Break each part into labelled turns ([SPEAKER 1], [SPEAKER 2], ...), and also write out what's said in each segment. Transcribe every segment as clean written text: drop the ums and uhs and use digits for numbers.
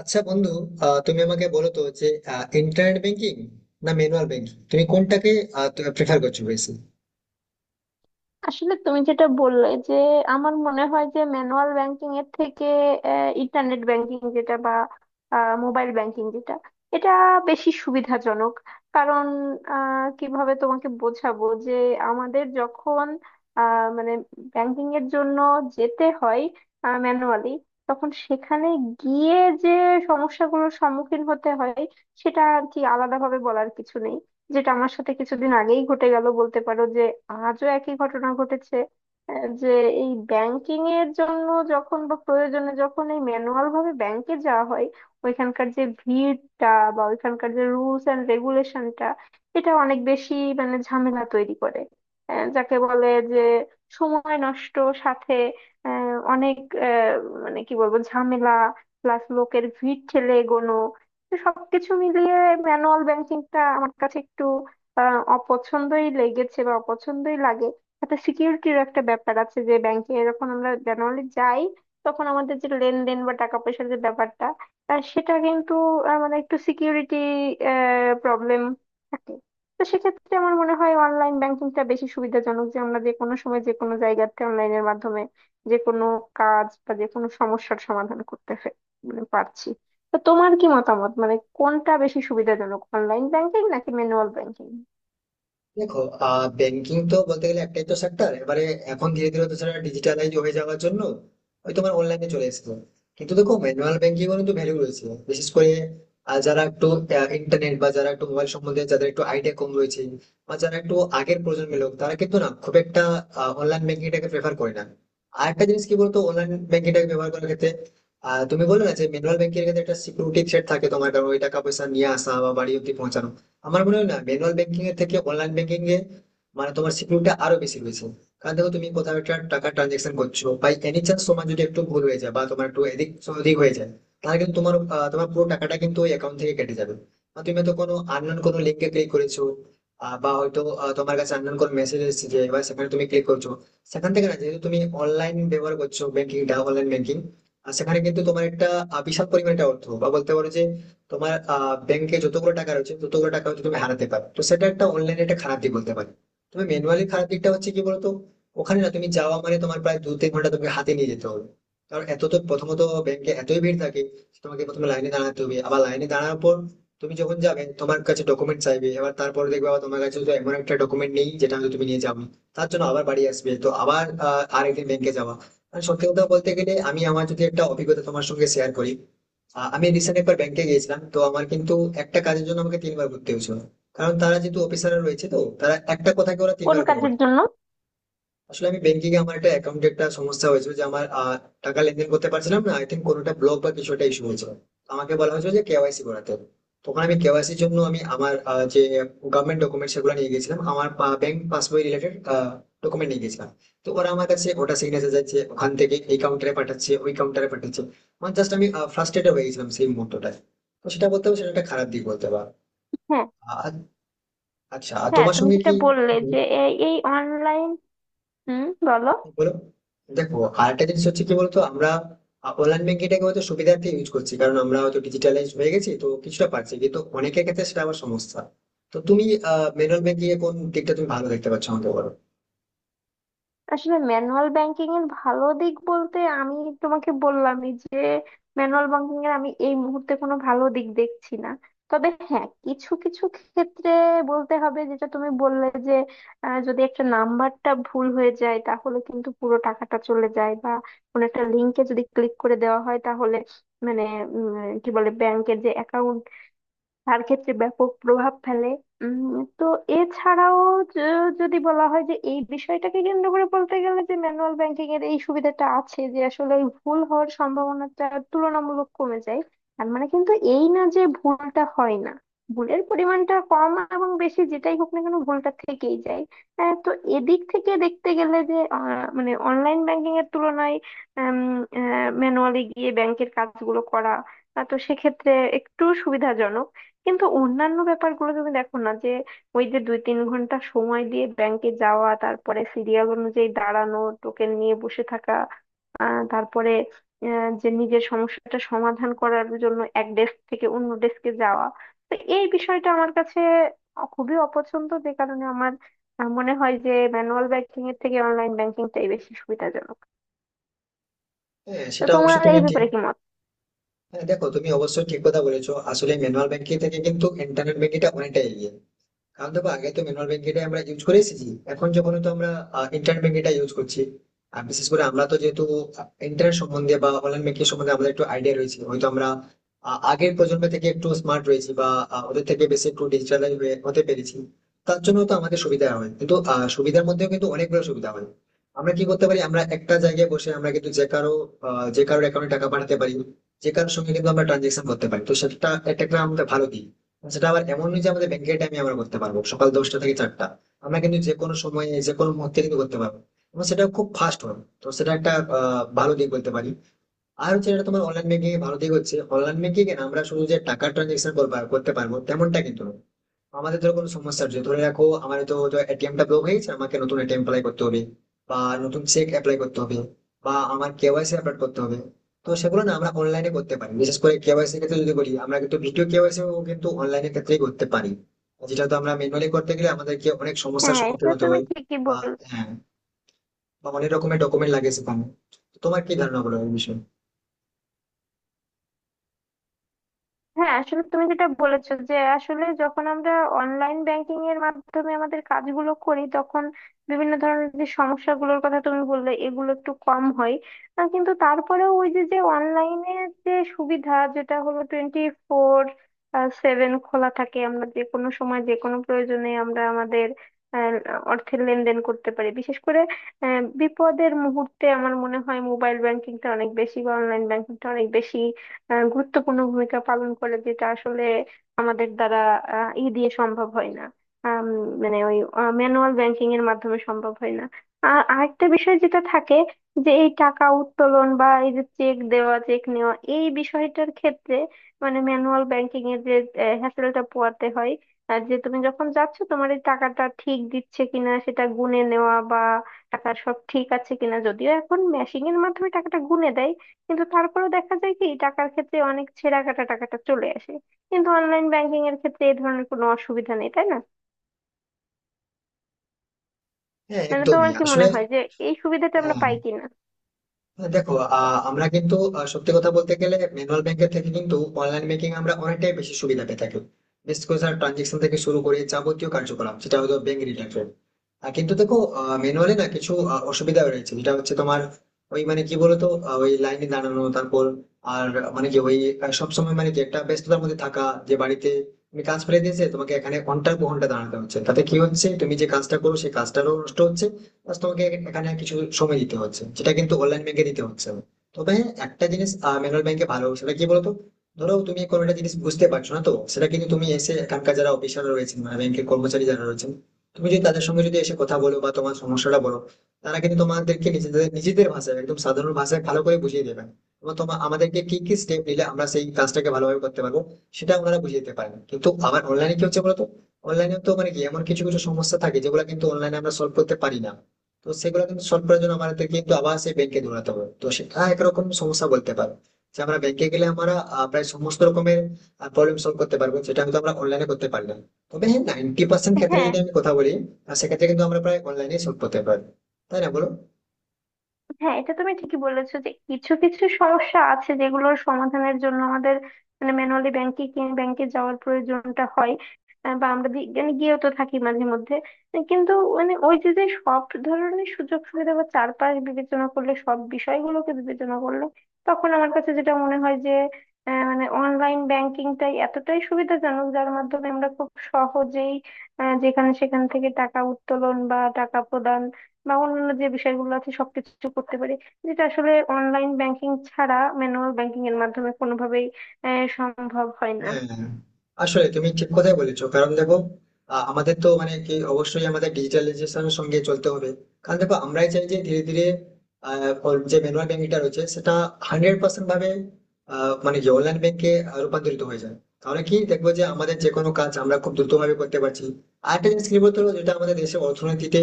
[SPEAKER 1] আচ্ছা বন্ধু, তুমি আমাকে বলো তো যে ইন্টারনেট ব্যাংকিং না ম্যানুয়াল ব্যাংকিং তুমি কোনটাকে প্রেফার করছো বেশি?
[SPEAKER 2] আসলে তুমি যেটা বললে যে আমার মনে হয় যে ম্যানুয়াল ব্যাংকিং এর থেকে ইন্টারনেট ব্যাংকিং যেটা বা মোবাইল ব্যাংকিং যেটা এটা বেশি সুবিধাজনক। কারণ কিভাবে তোমাকে বোঝাবো যে আমাদের যখন মানে ব্যাংকিং এর জন্য যেতে হয় ম্যানুয়ালি, তখন সেখানে গিয়ে যে সমস্যাগুলোর সম্মুখীন হতে হয় সেটা আর কি আলাদাভাবে বলার কিছু নেই। যেটা আমার সাথে কিছুদিন আগেই ঘটে গেল বলতে পারো, যে আজও একই ঘটনা ঘটেছে। যে এই ব্যাংকিং এর জন্য যখন বা প্রয়োজনে যখন এই ম্যানুয়াল ভাবে ব্যাংকে যাওয়া হয়, ওইখানকার যে ভিড়টা বা ওইখানকার যে রুলস এন্ড রেগুলেশনটা, এটা অনেক বেশি মানে ঝামেলা তৈরি করে। যাকে বলে যে সময় নষ্ট, সাথে অনেক আহ, মানে কি বলবো ঝামেলা প্লাস লোকের ভিড় ঠেলে এগোনো। তো সবকিছু মিলিয়ে ম্যানুয়াল ব্যাংকিংটা আমার কাছে একটু অপছন্দই লেগেছে বা অপছন্দই লাগে। একটা সিকিউরিটির একটা ব্যাপার আছে যে ব্যাংকে যখন আমরা ম্যানুয়ালি যাই, তখন আমাদের যে লেনদেন বা টাকা পয়সার যে ব্যাপারটা, সেটা কিন্তু মানে একটু সিকিউরিটি প্রবলেম থাকে। তো সেক্ষেত্রে আমার মনে হয় অনলাইন ব্যাংকিংটা বেশি সুবিধাজনক, যে আমরা যে কোনো সময় যে কোনো জায়গাতে অনলাইনের মাধ্যমে যে কোনো কাজ বা যে কোনো সমস্যার সমাধান করতে মানে পারছি। তো তোমার কি মতামত, মানে কোনটা বেশি সুবিধাজনক, অনলাইন ব্যাংকিং নাকি ম্যানুয়াল ব্যাংকিং?
[SPEAKER 1] দেখো, ব্যাংকিং তো বলতে গেলে একটাই তো সেক্টর এবারে। এখন ধীরে ধীরে তো সেটা ডিজিটালাইজ হয়ে যাওয়ার জন্য ওই তোমার অনলাইনে চলে এসেছে। কিন্তু দেখো, ম্যানুয়াল ব্যাংকিং এর কিন্তু ভ্যালু রয়েছে, বিশেষ করে যারা একটু ইন্টারনেট বা যারা একটু মোবাইল সম্বন্ধে যাদের একটু আইডিয়া কম রয়েছে, বা যারা একটু আগের প্রজন্মের লোক, তারা কিন্তু না খুব একটা অনলাইন ব্যাংকিংটাকে প্রেফার করে না। আর একটা জিনিস কি বলতো, অনলাইন ব্যাংকিংটাকে ব্যবহার করার ক্ষেত্রে তুমি বলো না যে ম্যানুয়াল ব্যাংকিং এর ক্ষেত্রে একটা সিকিউরিটি থ্রেট থাকে তোমার, কারণ ওই টাকা পয়সা নিয়ে আসা বা বাড়ি অব্দি পৌঁছানো। আমার মনে হয় না ম্যানুয়াল ব্যাংকিং এর থেকে অনলাইন ব্যাংকিং এ, মানে তোমার সিকিউরিটি আরো বেশি রয়েছে। কারণ দেখো, তুমি কোথাও একটা টাকা ট্রানজেকশন করছো বা এনি চান্স তোমার যদি একটু ভুল হয়ে যায় বা তোমার একটু এদিক ওদিক হয়ে যায়, তাহলে কিন্তু তোমার পুরো টাকাটা কিন্তু ওই অ্যাকাউন্ট থেকে কেটে যাবে। বা তুমি হয়তো কোনো আননোন কোনো লিঙ্কে ক্লিক করেছো, বা হয়তো তোমার কাছে আননোন কোনো মেসেজ এসেছে যে এবার সেখানে তুমি ক্লিক করছো। সেখান থেকে না, যেহেতু তুমি অনলাইন ব্যবহার করছো, ব্যাংকিংটা অনলাইন ব্যাংকিং। আর সেখানে কিন্তু তোমার একটা বিশাল পরিমাণে একটা অর্থ বা বলতে পারো যে তোমার ব্যাংকে যতগুলো টাকা রয়েছে ততগুলো টাকা হচ্ছে তুমি হারাতে পারো, তো সেটা একটা অনলাইনে একটা খারাপ দিক বলতে পারি। তুমি ম্যানুয়ালি খারাপ দিকটা হচ্ছে কি বলতো, ওখানে না তুমি যাওয়া মানে তোমার প্রায় দু তিন ঘন্টা তোমাকে হাতে নিয়ে যেতে হবে। কারণ এত তো প্রথমত ব্যাংকে এতই ভিড় থাকে যে তোমাকে প্রথমে লাইনে দাঁড়াতে হবে। আবার লাইনে দাঁড়ানোর পর তুমি যখন যাবে তোমার কাছে ডকুমেন্ট চাইবে, এবার তারপরে দেখবে আবার তোমার কাছে তো এমন একটা ডকুমেন্ট নেই যেটা হয়তো তুমি নিয়ে যাবে, তার জন্য আবার বাড়ি আসবে, তো আবার আরেকদিন ব্যাংকে যাওয়া। মানে সত্যি কথা বলতে গেলে আমার যদি একটা অভিজ্ঞতা তোমার সঙ্গে শেয়ার করি, আমি রিসেন্ট একবার ব্যাংকে গিয়েছিলাম, তো আমার কিন্তু একটা কাজের জন্য আমাকে তিনবার ঘুরতে হয়েছিল। কারণ তারা যেহেতু অফিসাররা রয়েছে, তো তারা একটা কথাকে ওরা
[SPEAKER 2] কোন
[SPEAKER 1] তিনবার করে
[SPEAKER 2] কাজের
[SPEAKER 1] বলে।
[SPEAKER 2] জন্য?
[SPEAKER 1] আসলে আমি ব্যাংকিং এ আমার একটা অ্যাকাউন্টে একটা সমস্যা হয়েছিল যে আমার টাকা লেনদেন করতে পারছিলাম না। আই থিঙ্ক কোনোটা ব্লক বা কিছু একটা ইস্যু হয়েছিল। আমাকে বলা হয়েছিল যে কেওয়াইসি করাতে হবে। তখন আমি কেওয়াইসির জন্য আমার যে গভর্নমেন্ট ডকুমেন্ট সেগুলো নিয়ে গেছিলাম, আমার ব্যাংক পাসবই রিলেটেড ডকুমেন্ট নিয়ে গেছিলাম। তো ওরা আমার কাছে ওটা সিগনেচার যাচ্ছে, ওখান থেকে এই কাউন্টারে পাঠাচ্ছে, ওই কাউন্টারে পাঠাচ্ছে, মানে জাস্ট আমি ফ্রাস্ট্রেটেড হয়ে গেছিলাম সেই মুহূর্তটায়। তো সেটা বলতে হবে, সেটা একটা খারাপ দিক বলতে পারো।
[SPEAKER 2] হ্যাঁ।
[SPEAKER 1] আর- আচ্ছা, আর
[SPEAKER 2] হ্যাঁ,
[SPEAKER 1] তোমার
[SPEAKER 2] তুমি
[SPEAKER 1] সঙ্গে
[SPEAKER 2] যেটা
[SPEAKER 1] কি?
[SPEAKER 2] বললে যে এই অনলাইন। হুম, বলো।
[SPEAKER 1] বলো। দেখো, আরেকটা জিনিস হচ্ছে কি বলতো, আমরা অনলাইন ব্যাংকিংটাকে হয়তো সুবিধার্থে ইউজ করছি, কারণ আমরা হয়তো ডিজিটালাইজ হয়ে গেছি তো কিছুটা পারছি, কিন্তু অনেকের ক্ষেত্রে সেটা আবার সমস্যা। তো তুমি ম্যানুয়াল ব্যাংকিং এ কোন দিকটা তুমি ভালো দেখতে পাচ্ছ আমাকে বলো।
[SPEAKER 2] আসলে ম্যানুয়াল ব্যাংকিং এর ভালো দিক বলতে আমি তোমাকে বললামই যে ম্যানুয়াল ব্যাংকিং এর আমি এই মুহূর্তে কোনো ভালো দিক দেখছি না। তবে হ্যাঁ কিছু কিছু ক্ষেত্রে বলতে হবে, যেটা তুমি বললে যে যদি একটা নাম্বারটা ভুল হয়ে যায় তাহলে কিন্তু পুরো টাকাটা চলে যায়, বা কোনো একটা লিংকে যদি ক্লিক করে দেওয়া হয় তাহলে মানে উম, কি বলে ব্যাংকের যে অ্যাকাউন্ট, তার ক্ষেত্রে ব্যাপক প্রভাব ফেলে। তো এছাড়াও যদি বলা হয় যে এই বিষয়টাকে কেন্দ্র করে বলতে গেলে যে ম্যানুয়াল ব্যাংকিং এর এই সুবিধাটা আছে যে আসলে ওই ভুল হওয়ার সম্ভাবনাটা তুলনামূলক কমে যায়। তার মানে কিন্তু এই না যে ভুলটা হয় না, ভুলের পরিমাণটা কম এবং বেশি যেটাই হোক না কেন ভুলটা থেকেই যায়। তো এদিক থেকে দেখতে গেলে যে মানে অনলাইন ব্যাংকিং এর তুলনায় ম্যানুয়ালি গিয়ে ব্যাংকের কাজগুলো করা, তো সেক্ষেত্রে একটু সুবিধাজনক। কিন্তু অন্যান্য ব্যাপারগুলো তুমি দেখো না, যে ওই যে 2-3 ঘন্টা সময় দিয়ে ব্যাংকে যাওয়া, তারপরে সিরিয়াল অনুযায়ী দাঁড়ানো, টোকেন নিয়ে বসে থাকা, তারপরে যে নিজের সমস্যাটা সমাধান করার জন্য এক ডেস্ক থেকে অন্য ডেস্কে যাওয়া। তো এই বিষয়টা আমার কাছে খুবই অপছন্দ, যে কারণে আমার মনে হয় যে ম্যানুয়াল ব্যাংকিং এর থেকে অনলাইন ব্যাংকিংটাই বেশি সুবিধাজনক।
[SPEAKER 1] হ্যাঁ,
[SPEAKER 2] তো
[SPEAKER 1] সেটা
[SPEAKER 2] তোমার
[SPEAKER 1] অবশ্যই তুমি
[SPEAKER 2] এই
[SPEAKER 1] ঠিক।
[SPEAKER 2] ব্যাপারে কি মত?
[SPEAKER 1] হ্যাঁ দেখো, তুমি অবশ্যই ঠিক কথা বলেছো। আসলে ম্যানুয়াল ব্যাংকিং থেকে কিন্তু ইন্টারনেট ব্যাংকিংটা অনেকটা এগিয়ে। কারণ দেখো, আগে তো ম্যানুয়াল ব্যাংকিংটাই আমরা ইউজ করে এসেছি, এখন যখন তো আমরা ইন্টারনেট ব্যাংকিংটা ইউজ করছি। আর বিশেষ করে আমরা তো যেহেতু ইন্টারনেট সম্বন্ধে বা অনলাইন ব্যাংকিং সম্বন্ধে আমাদের একটু আইডিয়া রয়েছে, হয়তো আমরা আগের প্রজন্ম থেকে একটু স্মার্ট রয়েছি বা ওদের থেকে বেশি একটু ডিজিটাল হতে পেরেছি। তার জন্য তো আমাদের সুবিধা হয়, কিন্তু সুবিধার মধ্যেও কিন্তু অনেকগুলো সুবিধা হয়। আমরা কি করতে পারি, আমরা একটা জায়গায় বসে আমরা কিন্তু যে কারোর অ্যাকাউন্টে টাকা পাঠাতে পারি, যে কারোর সঙ্গে কিন্তু আমরা ট্রানজেকশন করতে পারি, তো সেটা এটা একটা আমাদের ভালো দিক। সেটা আবার এমন নয় যে আমাদের ব্যাংকের টাইমে আমরা করতে পারবো সকাল দশটা থেকে চারটা। আমরা কিন্তু যে কোনো সময়ে যে কোনো মুহূর্তে কিন্তু করতে পারবো, এবং সেটা খুব ফাস্ট হবে, তো সেটা একটা ভালো দিক বলতে পারি। আর হচ্ছে, এটা তোমার অনলাইন ব্যাংকিং এর ভালো দিক হচ্ছে, অনলাইন ব্যাংকিং এ না আমরা শুধু যে টাকা ট্রানজেকশন করতে পারবো তেমনটা কিন্তু না। আমাদের ধরো কোনো সমস্যা হচ্ছে, ধরে রাখো আমার তো এটিএম টা ব্লক হয়ে গেছে, আমাকে নতুন এটিএম অ্যাপ্লাই করতে হবে, বা নতুন চেক অ্যাপ্লাই করতে হবে, বা আমার কেওয়াইসি আপডেট করতে হবে। তো সেগুলো না আমরা অনলাইনে করতে পারি, বিশেষ করে কেওয়াইসি ক্ষেত্রে যদি করি, আমরা কিন্তু ভিডিও কেওয়াইসি কিন্তু অনলাইনের ক্ষেত্রেই করতে পারি, যেটা তো আমরা ম্যানুয়ালি করতে গেলে আমাদেরকে অনেক সমস্যার
[SPEAKER 2] হ্যাঁ,
[SPEAKER 1] সম্মুখীন
[SPEAKER 2] এটা
[SPEAKER 1] হতে
[SPEAKER 2] তুমি
[SPEAKER 1] হয়।
[SPEAKER 2] ঠিকই
[SPEAKER 1] বা,
[SPEAKER 2] বল।
[SPEAKER 1] হ্যাঁ, বা অনেক রকমের ডকুমেন্ট লাগে সেখানে। তো তোমার কি ধারণা বলো এই বিষয়ে?
[SPEAKER 2] হ্যাঁ, আসলে তুমি যেটা বলেছো যে আসলে যখন আমরা অনলাইন ব্যাংকিং এর মাধ্যমে আমাদের কাজগুলো করি তখন বিভিন্ন ধরনের যে সমস্যাগুলোর কথা তুমি বললে এগুলো একটু কম হয়। কিন্তু তারপরেও ওই যে যে অনলাইনে যে সুবিধা, যেটা হলো 24/7 খোলা থাকে, আমরা যে কোনো সময় যে কোনো প্রয়োজনে আমরা আমাদের আহ, অর্থের লেনদেন করতে পারি। বিশেষ করে বিপদের মুহূর্তে আমার মনে হয় মোবাইল ব্যাংকিংটা অনেক বেশি বা অনলাইন ব্যাংকিংটা অনেক বেশি গুরুত্বপূর্ণ ভূমিকা পালন করে, যেটা আসলে আমাদের দ্বারা ই দিয়ে সম্ভব হয় না। আম, মানে ওই ম্যানুয়াল ব্যাংকিং এর মাধ্যমে সম্ভব হয় না। আর আরেকটা বিষয় যেটা থাকে, যে এই টাকা উত্তোলন বা এই যে চেক দেওয়া চেক নেওয়া এই বিষয়টার ক্ষেত্রে মানে ম্যানুয়াল ব্যাংকিং এর যে হ্যাসেলটা পোয়াতে হয়। আর যে তুমি যখন যাচ্ছ, তোমার এই টাকাটা ঠিক দিচ্ছে কিনা সেটা গুনে নেওয়া বা টাকা সব ঠিক আছে কিনা, যদিও এখন মেশিনের মাধ্যমে টাকাটা গুনে দেয় কিন্তু তারপরেও দেখা যায় কি টাকার ক্ষেত্রে অনেক ছেঁড়া কাটা টাকাটা চলে আসে। কিন্তু অনলাইন ব্যাংকিং এর ক্ষেত্রে এই ধরনের কোনো অসুবিধা নেই, তাই না?
[SPEAKER 1] হ্যাঁ
[SPEAKER 2] মানে
[SPEAKER 1] একদমই
[SPEAKER 2] তোমার কি
[SPEAKER 1] আসলে।
[SPEAKER 2] মনে হয় যে এই সুবিধাটা আমরা
[SPEAKER 1] হ্যাঁ
[SPEAKER 2] পাই কিনা?
[SPEAKER 1] দেখো, আমরা কিন্তু সত্যি কথা বলতে গেলে ম্যানুয়াল ব্যাংকের থেকে কিন্তু অনলাইন ব্যাংকিং আমরা অনেকটাই বেশি সুবিধা পেয়ে থাকি। বিশেষ করে ট্রানজেকশন থেকে শুরু করে যাবতীয় কার্যকলাপ যেটা হয়তো ব্যাংক রিলেটেড। কিন্তু দেখো, ম্যানুয়ালি না কিছু অসুবিধা রয়েছে, যেটা হচ্ছে তোমার ওই মানে কি বলতো, ওই লাইনে দাঁড়ানো, তারপর আর মানে কি ওই সবসময় মানে কি একটা ব্যস্ততার মধ্যে থাকা, যে বাড়িতে তুমি কাজ ফেলে দিয়েছে তোমাকে এখানে ঘন্টার পর ঘন্টা দাঁড়াতে হচ্ছে, তাতে কি হচ্ছে তুমি যে কাজটা করো সেই কাজটারও নষ্ট হচ্ছে, বাস তোমাকে এখানে কিছু সময় দিতে হচ্ছে, যেটা কিন্তু অনলাইন ব্যাংকে দিতে হচ্ছে না। তবে হ্যাঁ, একটা জিনিস ম্যানুয়াল ব্যাংকে ভালো, সেটা কি বলতো, ধরো তুমি কোনো একটা জিনিস বুঝতে পারছো না, তো সেটা কিন্তু তুমি এসে এখানকার যারা অফিসার রয়েছেন, মানে ব্যাংকের কর্মচারী যারা রয়েছেন, তুমি যদি তাদের সঙ্গে যদি এসে কথা বলো বা তোমার সমস্যাটা বলো, তারা কিন্তু তোমাদেরকে নিজেদের নিজেদের ভাষায়, একদম সাধারণ ভাষায় ভালো করে বুঝিয়ে দেবেন। এবং তোমার আমাদেরকে কি কি স্টেপ নিলে আমরা সেই কাজটাকে ভালোভাবে করতে পারবো, সেটা ওনারা বুঝিয়ে দিতে পারেন। কিন্তু আবার অনলাইনে কি হচ্ছে বলতো, অনলাইনে তো মানে কি এমন কিছু কিছু সমস্যা থাকে যেগুলো কিন্তু অনলাইনে আমরা সলভ করতে পারি না। তো সেগুলো কিন্তু সলভ করার জন্য আমাদের কিন্তু আবার সেই ব্যাংকে দৌড়াতে হবে, তো সেটা একরকম সমস্যা বলতে পারো, যে আমরা ব্যাংকে গেলে আমরা প্রায় সমস্ত রকমের প্রবলেম সলভ করতে পারবো, যেটা হয়তো আমরা অনলাইনে করতে পারলাম। তবে হ্যাঁ, 90% ক্ষেত্রে
[SPEAKER 2] হ্যাঁ।
[SPEAKER 1] যদি আমি কথা বলি, সেক্ষেত্রে কিন্তু আমরা প্রায় অনলাইনে সলভ করতে পারবো। তাই না বলো?
[SPEAKER 2] হ্যাঁ, এটা তুমি ঠিকই বলেছো যে কিছু কিছু সমস্যা আছে যেগুলোর সমাধানের জন্য আমাদের মানে ম্যানুয়ালি ব্যাংকে ব্যাংকে যাওয়ার প্রয়োজনটা হয়। বা আমরা মানে গিয়েও তো থাকি মাঝে মধ্যে। কিন্তু মানে ওই যে যে সব ধরনের সুযোগ সুবিধা বা চারপাশ বিবেচনা করলে সব বিষয়গুলোকে বিবেচনা করলে, তখন আমার কাছে যেটা মনে হয় যে মানে অনলাইন ব্যাংকিংটাই এতটাই সুবিধাজনক, যার মাধ্যমে আমরা খুব সহজেই যেখানে সেখান থেকে টাকা উত্তোলন বা টাকা প্রদান বা অন্যান্য যে বিষয়গুলো আছে সবকিছু করতে পারি, যেটা আসলে অনলাইন ব্যাংকিং ছাড়া ম্যানুয়াল ব্যাংকিং এর মাধ্যমে কোনোভাবেই সম্ভব হয় না।
[SPEAKER 1] হ্যাঁ আসলে তুমি ঠিক কথাই বলেছো। কারণ দেখো, আমাদের তো মানে কি অবশ্যই আমাদের ডিজিটালাইজেশনের সঙ্গে চলতে হবে। কারণ দেখো, আমরাই চাই যে ধীরে ধীরে ওর যে ম্যানুয়াল ব্যাংকিংটা রয়েছে সেটা 100% ভাবে মানে কি অনলাইন ব্যাংকে রূপান্তরিত হয়ে যায়। তাহলে কি দেখবো যে আমাদের যে কোনো কাজ আমরা খুব দ্রুত ভাবে করতে পারছি। আর একটা জিনিস কি বলতো, যেটা আমাদের দেশের অর্থনীতিতে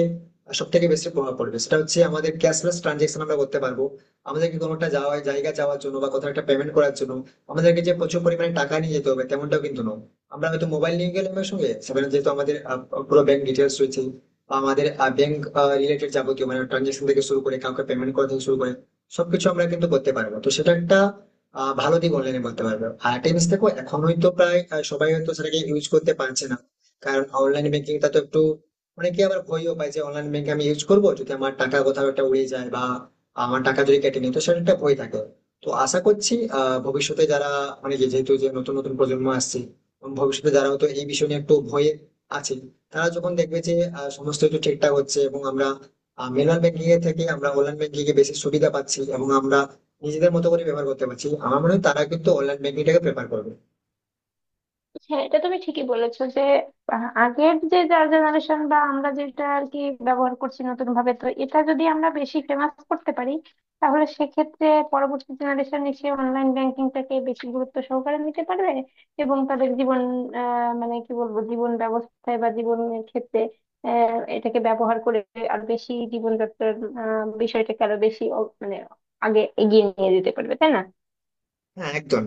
[SPEAKER 1] সব থেকে বেশি প্রভাব পড়বে সেটা হচ্ছে আমাদের ক্যাশলেস ট্রানজেকশন আমরা করতে পারবো। আমাদেরকে কোনো একটা যাওয়া জায়গা যাওয়ার জন্য বা কোথাও একটা পেমেন্ট করার জন্য আমাদেরকে যে প্রচুর পরিমাণে টাকা নিয়ে যেতে হবে তেমনটাও কিন্তু নয়। আমরা হয়তো মোবাইল নিয়ে গেলাম, এর সঙ্গে সেখানে যেহেতু আমাদের পুরো ব্যাংক ডিটেলস রয়েছে বা আমাদের ব্যাংক রিলেটেড যাবতীয়, মানে ট্রানজেকশন থেকে শুরু করে কাউকে পেমেন্ট করা থেকে শুরু করে সবকিছু আমরা কিন্তু করতে পারবো, তো সেটা একটা ভালো দিক অনলাইনে বলতে পারবো। আর টেনিস দেখো, এখন হয়তো প্রায় সবাই হয়তো সেটাকে ইউজ করতে পারছে না। কারণ অনলাইন ব্যাংকিংটা তো একটু, অনেকে আবার ভয়ও পায় যে অনলাইন ব্যাংক আমি ইউজ করবো যদি আমার টাকা কোথাও একটা উড়ে যায় বা আমার টাকা যদি কেটে নিই, তো সেটা একটা ভয় থাকে। তো আশা করছি ভবিষ্যতে যারা, মানে যেহেতু যে নতুন নতুন প্রজন্ম আসছে এবং ভবিষ্যতে যারা হয়তো এই বিষয় নিয়ে একটু ভয়ে আছে, তারা যখন দেখবে যে সমস্ত কিছু ঠিকঠাক হচ্ছে এবং আমরা ম্যানুয়াল ব্যাংকিং এর থেকে আমরা অনলাইন ব্যাংকিং এ বেশি সুবিধা পাচ্ছি এবং আমরা নিজেদের মতো করে ব্যবহার করতে পারছি, আমার মনে হয় তারা কিন্তু অনলাইন ব্যাংকিং টাকে প্রেফার করবে।
[SPEAKER 2] হ্যাঁ, এটা তুমি ঠিকই বলেছো যে আগের যে যার জেনারেশন বা আমরা যেটা আর কি ব্যবহার করছি নতুন ভাবে, তো এটা যদি আমরা বেশি ফেমাস করতে পারি তাহলে সেক্ষেত্রে পরবর্তী জেনারেশন এসে অনলাইন ব্যাংকিংটাকে বেশি গুরুত্ব সহকারে নিতে পারবে এবং তাদের জীবন, মানে কি বলবো জীবন ব্যবস্থায় বা জীবনের ক্ষেত্রে এটাকে ব্যবহার করে আরো বেশি জীবনযাত্রার বিষয়টাকে আরো বেশি মানে আগে এগিয়ে নিয়ে যেতে পারবে, তাই না?
[SPEAKER 1] হ্যাঁ, একদম।